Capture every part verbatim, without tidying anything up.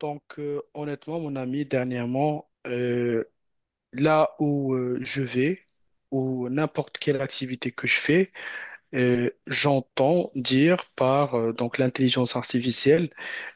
Donc, euh, honnêtement, mon ami, dernièrement, euh, là où euh, je vais, ou n'importe quelle activité que je fais, euh, j'entends dire par euh, donc l'intelligence artificielle.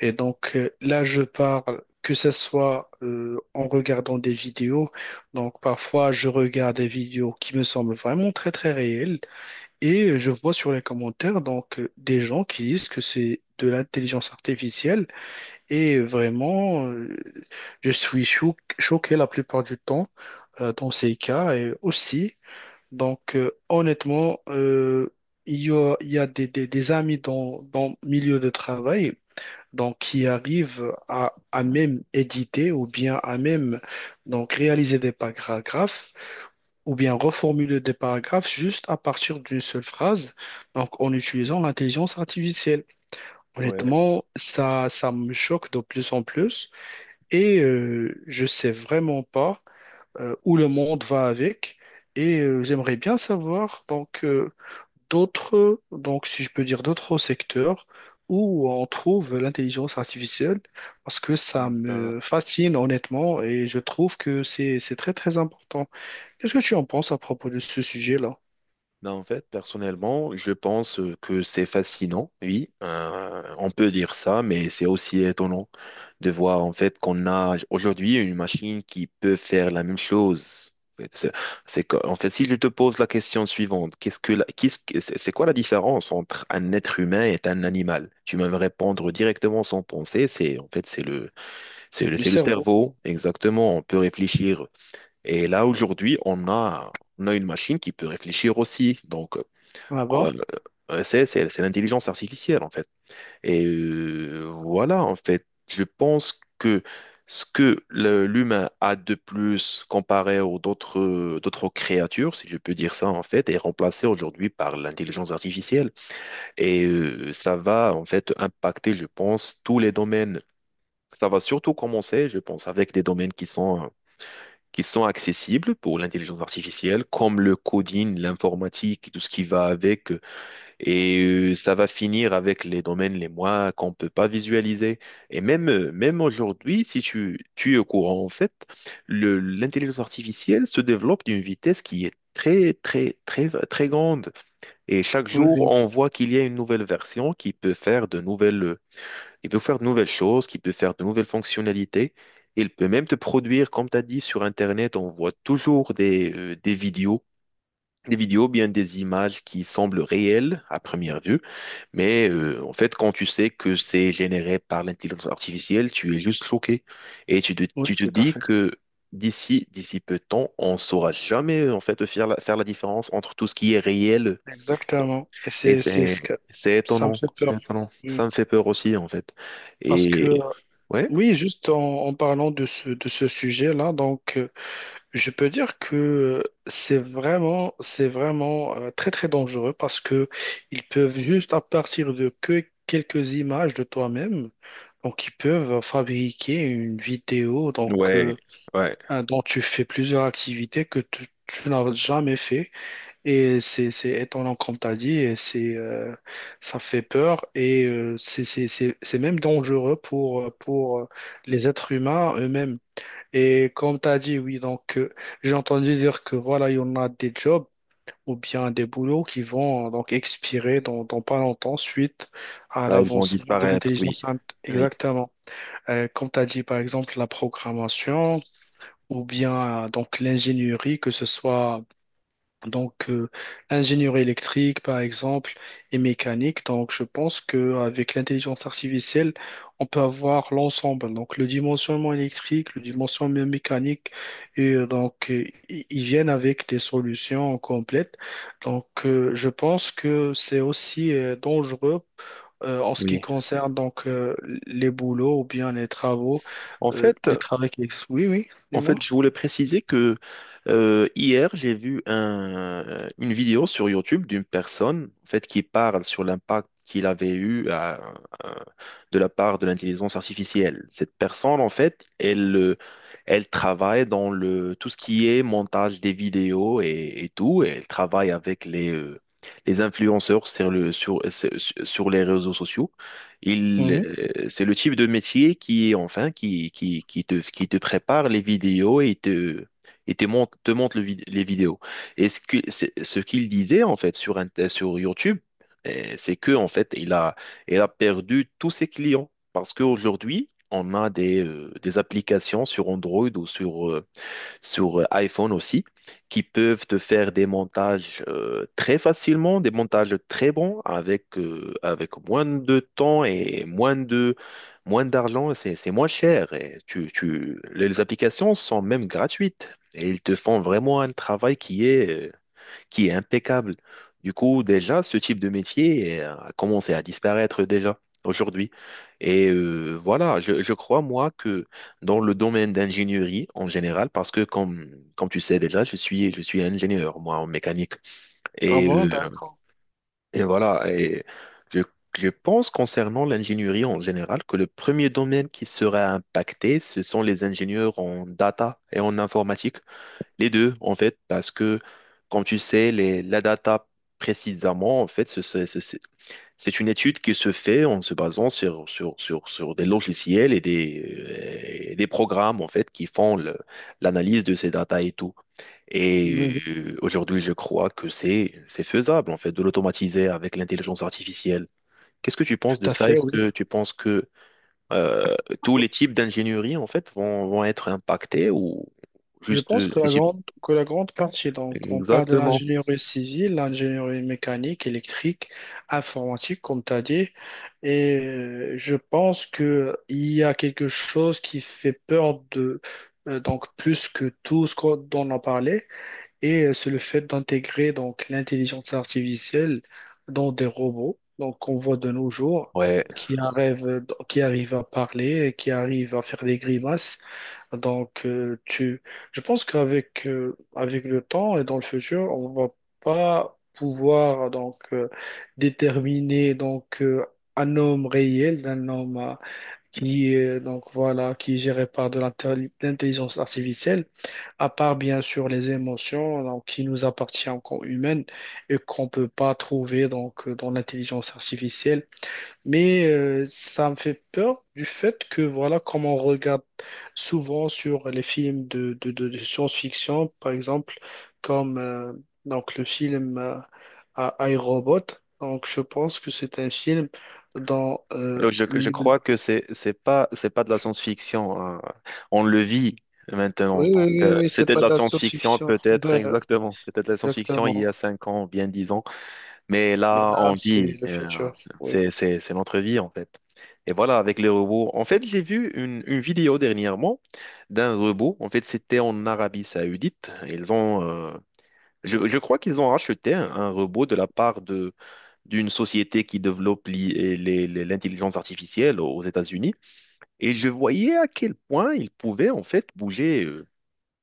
Et donc euh, là, je parle que ce soit euh, en regardant des vidéos. Donc parfois, je regarde des vidéos qui me semblent vraiment très très réelles, et euh, je vois sur les commentaires donc euh, des gens qui disent que c'est de l'intelligence artificielle et vraiment, euh, je suis chou- choqué la plupart du temps euh, dans ces cas et aussi. Donc, euh, honnêtement, euh, il y a, il y a des, des- des amis dans, dans le milieu de travail donc, qui arrivent à, à même éditer ou bien à même donc, réaliser des paragraphes ou bien reformuler des paragraphes juste à partir d'une seule phrase, donc en utilisant l'intelligence artificielle. Ouais. Honnêtement, ça, ça me choque de plus en plus. Et euh, je sais vraiment pas euh, où le monde va avec. Et euh, j'aimerais bien savoir donc euh, d'autres, donc si je peux dire d'autres secteurs où on trouve l'intelligence artificielle, parce que ça Ben, me fascine honnêtement et je trouve que c'est c'est très très important. Qu'est-ce que tu en penses à propos de ce sujet-là? ben, en fait, personnellement, je pense euh, que c'est fascinant, oui. Euh, on peut dire ça, mais c'est aussi étonnant de voir en fait qu'on a aujourd'hui une machine qui peut faire la même chose. C'est c'est que- En fait, si je te pose la question suivante, qu'est-ce que la- qu'est-ce que- c'est c'est quoi la différence entre un être humain et un animal? Tu vas me répondre directement sans penser. C'est en fait c'est le c'est le Le c'est le cerveau, cerveau, exactement. On peut réfléchir. Et là, aujourd'hui, on a, on a une machine qui peut réfléchir aussi. Donc, euh, d'abord. euh, c'est, c'est- c'est l'intelligence artificielle, en fait. Et euh, voilà, en fait, je pense que ce que le- l'humain a de plus comparé aux d'autres, d'autres créatures, si je peux dire ça, en fait, est remplacé aujourd'hui par l'intelligence artificielle. Et euh, ça va, en fait, impacter, je pense, tous les domaines. Ça va surtout commencer, je pense, avec des domaines qui sont qui sont accessibles pour l'intelligence artificielle, comme le coding, l'informatique, et tout ce qui va avec. Et euh, ça va finir avec les domaines les moins qu'on ne peut pas visualiser. Et même, euh, même aujourd'hui, si tu, tu es au courant, en fait, le- l'intelligence artificielle se développe d'une vitesse qui est très, très, très, très grande. Et chaque Oui, jour, oui, on voit qu'il y a une nouvelle version qui peut faire de nouvelles il peut faire de nouvelles choses, qui peut faire de nouvelles fonctionnalités. Il peut même te produire, comme tu as dit, sur Internet, on voit toujours des, euh, des vidéos, des vidéos, bien des images qui semblent réelles à première vue. Mais euh, en fait, quand tu sais que c'est généré par l'intelligence artificielle, tu es juste choqué. Et tu te, oui, tu te tout à dis fait. que d'ici, d'ici peu de temps, on ne saura jamais en fait faire la, faire la différence entre tout ce qui est réel. Exactement. Et Et c'est, c'est c'est, ce que c'est ça me étonnant, fait peur. c'est étonnant. Mm. Ça me fait peur aussi, en fait. Parce que, Et euh, ouais. oui, juste en, en parlant de ce, de ce sujet-là, donc, euh, je peux dire que euh, c'est vraiment, c'est vraiment euh, très, très dangereux parce que ils peuvent juste, à partir de que quelques images de toi-même, donc, ils peuvent fabriquer une vidéo, donc, Ouais, euh, ouais, euh, dont tu fais plusieurs activités que tu, tu n'as jamais fait. Et c'est, c'est étonnant, comme tu as dit, et c'est, euh, ça fait peur et euh, c'est c'est- c'est- c'est même dangereux pour, euh, pour euh, les êtres humains eux-mêmes. Et comme tu as dit, oui, donc euh, j'ai entendu dire que voilà, il y en a des jobs ou bien des boulots qui vont euh, donc expirer dans, dans pas longtemps suite à ouais, ils vont l'avancement de disparaître, oui, l'intelligence. int- oui, Exactement. Euh, comme tu as dit, par exemple, la programmation ou bien euh, donc l'ingénierie, que ce soit. Donc, euh, Ingénierie électrique, par exemple, et mécanique. Donc, je pense qu'avec l'intelligence artificielle, on peut avoir l'ensemble. Donc, le dimensionnement électrique, le dimensionnement mécanique, et euh, donc, euh, ils ils viennent avec des solutions complètes. Donc, euh, je pense que c'est aussi euh, dangereux euh, en ce qui oui. concerne donc euh, les boulots ou bien les travaux, En euh, fait, les travaux qui existent. Oui, oui, en fait, dis-moi. je voulais préciser que euh, hier, j'ai vu un- une vidéo sur YouTube d'une personne, en fait, qui parle sur l'impact qu'il avait eu à- à- de la part de l'intelligence artificielle. Cette personne, en fait, elle, euh, elle travaille dans le tout ce qui est montage des vidéos et, et tout, et elle travaille avec les euh, les influenceurs sur le sur sur sur les réseaux sociaux. Il, Mhm. euh, c'est le type de métier qui, est enfin, qui, qui, qui te, qui te prépare les vidéos et te, et te montre, te montre le vid- les vidéos. Et ce que, c'est- ce qu'il disait, en fait, sur, Int- sur YouTube, euh, c'est que, en fait, il a, il a perdu tous ses clients. Parce qu'aujourd'hui, on a des, euh, des applications sur Android ou sur, euh, sur euh, iPhone aussi, qui peuvent te faire des montages euh, très facilement, des montages très bons avec, euh, avec moins de temps et moins de, moins d'argent. C'est, c'est moins cher. Et tu, tu, les applications sont même gratuites et ils te font vraiment un travail qui est euh, qui est impeccable. Du coup, déjà, ce type de métier euh, a commencé à disparaître déjà aujourd'hui. Et euh, voilà, je, je crois, moi, que dans le domaine d'ingénierie en général, parce que comme, comme tu sais déjà, je suis, je suis ingénieur, moi, en mécanique. Ah Et, bon, euh, d'accord. et voilà, et je, je pense concernant l'ingénierie en général que le premier domaine qui sera impacté, ce sont les ingénieurs en data et en informatique. Les deux, en fait, parce que, comme tu sais, les, la data précisément, en fait, ce- ce- ce- c'est c'est une étude qui se fait en se basant sur, sur, sur, sur des logiciels et des, euh, et des programmes, en fait, qui font le- l'analyse de ces data et tout. Oui, Et oui, euh, aujourd'hui, je crois que c'est, c'est faisable, en fait, de l'automatiser avec l'intelligence artificielle. Qu'est-ce que tu tout penses de à ça? fait, Est-ce oui. que tu penses que euh, tous les types d'ingénierie, en fait, vont, vont être impactés ou Je juste pense euh, que ces la types? grande, que la grande partie, donc on parle de Exactement. l'ingénierie civile, l'ingénierie mécanique, électrique, informatique, comme tu as dit, et euh, je pense que il y a quelque chose qui fait peur de, euh, donc plus que tout ce qu'on- dont on a parlé, et euh, c'est le fait d'intégrer donc l'intelligence artificielle dans des robots. Donc, on voit de nos jours Ouais, qui arrivent, qui arrivent à parler, qui arrivent à faire des grimaces. Donc, euh, tu, je pense qu'avec euh, avec le temps et dans le futur, on va pas pouvoir donc euh, déterminer donc euh, un homme réel d'un homme euh, qui est donc voilà qui est géré par de l'intelli- l'intelligence artificielle, à part bien sûr les émotions donc, qui nous appartiennent en humaines et qu'on peut pas trouver donc euh, dans l'intelligence artificielle. Mais euh, ça me fait peur du fait que, voilà, comme on regarde souvent sur les films de, de, de- de science-fiction, par exemple, comme euh, donc le film euh, à iRobot. Donc, je pense que c'est un film dans euh, alors je, je le... crois que c'est c'est pas c'est pas de la science-fiction, hein. On le vit maintenant. Oui, oui, Donc oui, euh, oui, c'est c'était de pas la de la science-fiction science-fiction. peut-être Ouais, exactement. C'était de la science-fiction il y exactement. a cinq ans, bien dix ans. Mais Mais là là, on c'est vit. le euh, futur. Oui. c'est c'est c'est notre vie en fait. Et voilà avec les robots. En fait j'ai vu une, une vidéo dernièrement d'un robot. En fait c'était en Arabie Saoudite. Ils ont euh, je, je crois qu'ils ont racheté un, un robot de la part de. D'une société qui développe l'i- les- les- l'intelligence artificielle aux États-Unis. Et je voyais à quel point il pouvait en fait bouger, euh,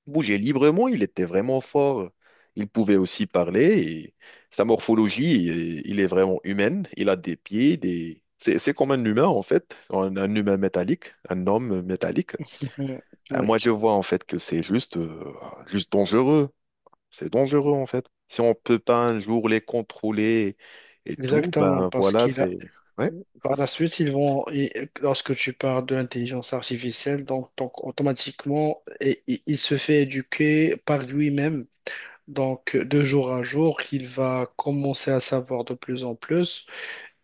bouger librement. Il était vraiment fort. Il pouvait aussi parler. Et sa morphologie, euh, il est vraiment humaine. Il a des pieds, des... C'est, c'est comme un humain en fait, un, un humain métallique, un homme métallique. Euh, Oui, Moi, je vois en fait que c'est juste, euh, juste dangereux. C'est dangereux en fait. Si on peut pas un jour les contrôler et tout, exactement, ben parce voilà, qu'il a c'est... Ouais, par la suite, ils vont, et lorsque tu parles de l'intelligence artificielle, donc, donc automatiquement, et- et- il se fait éduquer par lui-même. Donc, de jour à jour, il va commencer à savoir de plus en plus.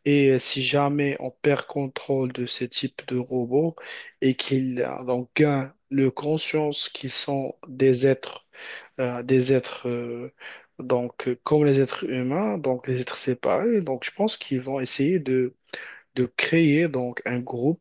Et si jamais on perd contrôle de ces types de robots et qu'ils euh, donc, gagnent le conscience qu'ils sont des êtres, euh, des êtres euh, donc, euh, comme les êtres humains, donc les êtres séparés, donc je pense qu'ils vont essayer de créer donc un groupe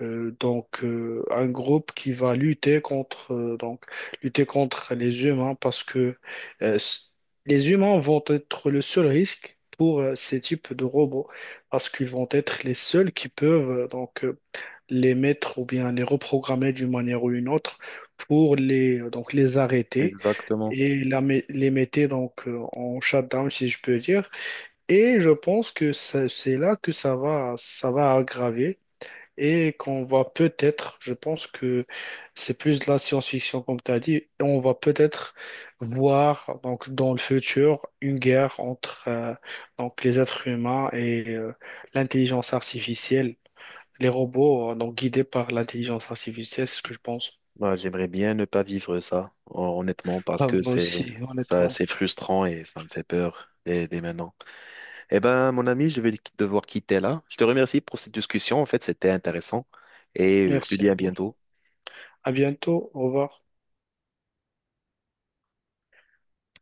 euh, donc euh, un groupe qui va lutter contre euh, donc lutter contre les humains parce que euh, s- les humains vont être le seul risque pour euh, ces types de robots parce qu'ils vont être les seuls qui peuvent euh, donc euh, les mettre ou bien les reprogrammer d'une manière ou une autre pour les euh, donc les arrêter exactement. et la mé- les mettre donc euh, en shutdown si je peux dire et je pense que ça- c'est là que ça va ça va aggraver et qu'on va peut-être, je pense que c'est plus de la science-fiction comme tu as dit, et on va peut-être voir donc dans le futur une guerre entre euh, donc les êtres humains et euh, l'intelligence artificielle, les robots euh, donc guidés par l'intelligence artificielle, c'est ce que je pense. Ben, j'aimerais bien ne pas vivre ça, hon- honnêtement, parce Ah, que moi c'est aussi, ça, honnêtement. c'est frustrant et ça me fait peur dès, dès maintenant. Eh ben, mon ami, je vais devoir quitter là. Je te remercie pour cette discussion. En fait, c'était intéressant et euh, je te Merci dis à à vous. bientôt. À bientôt. Au revoir.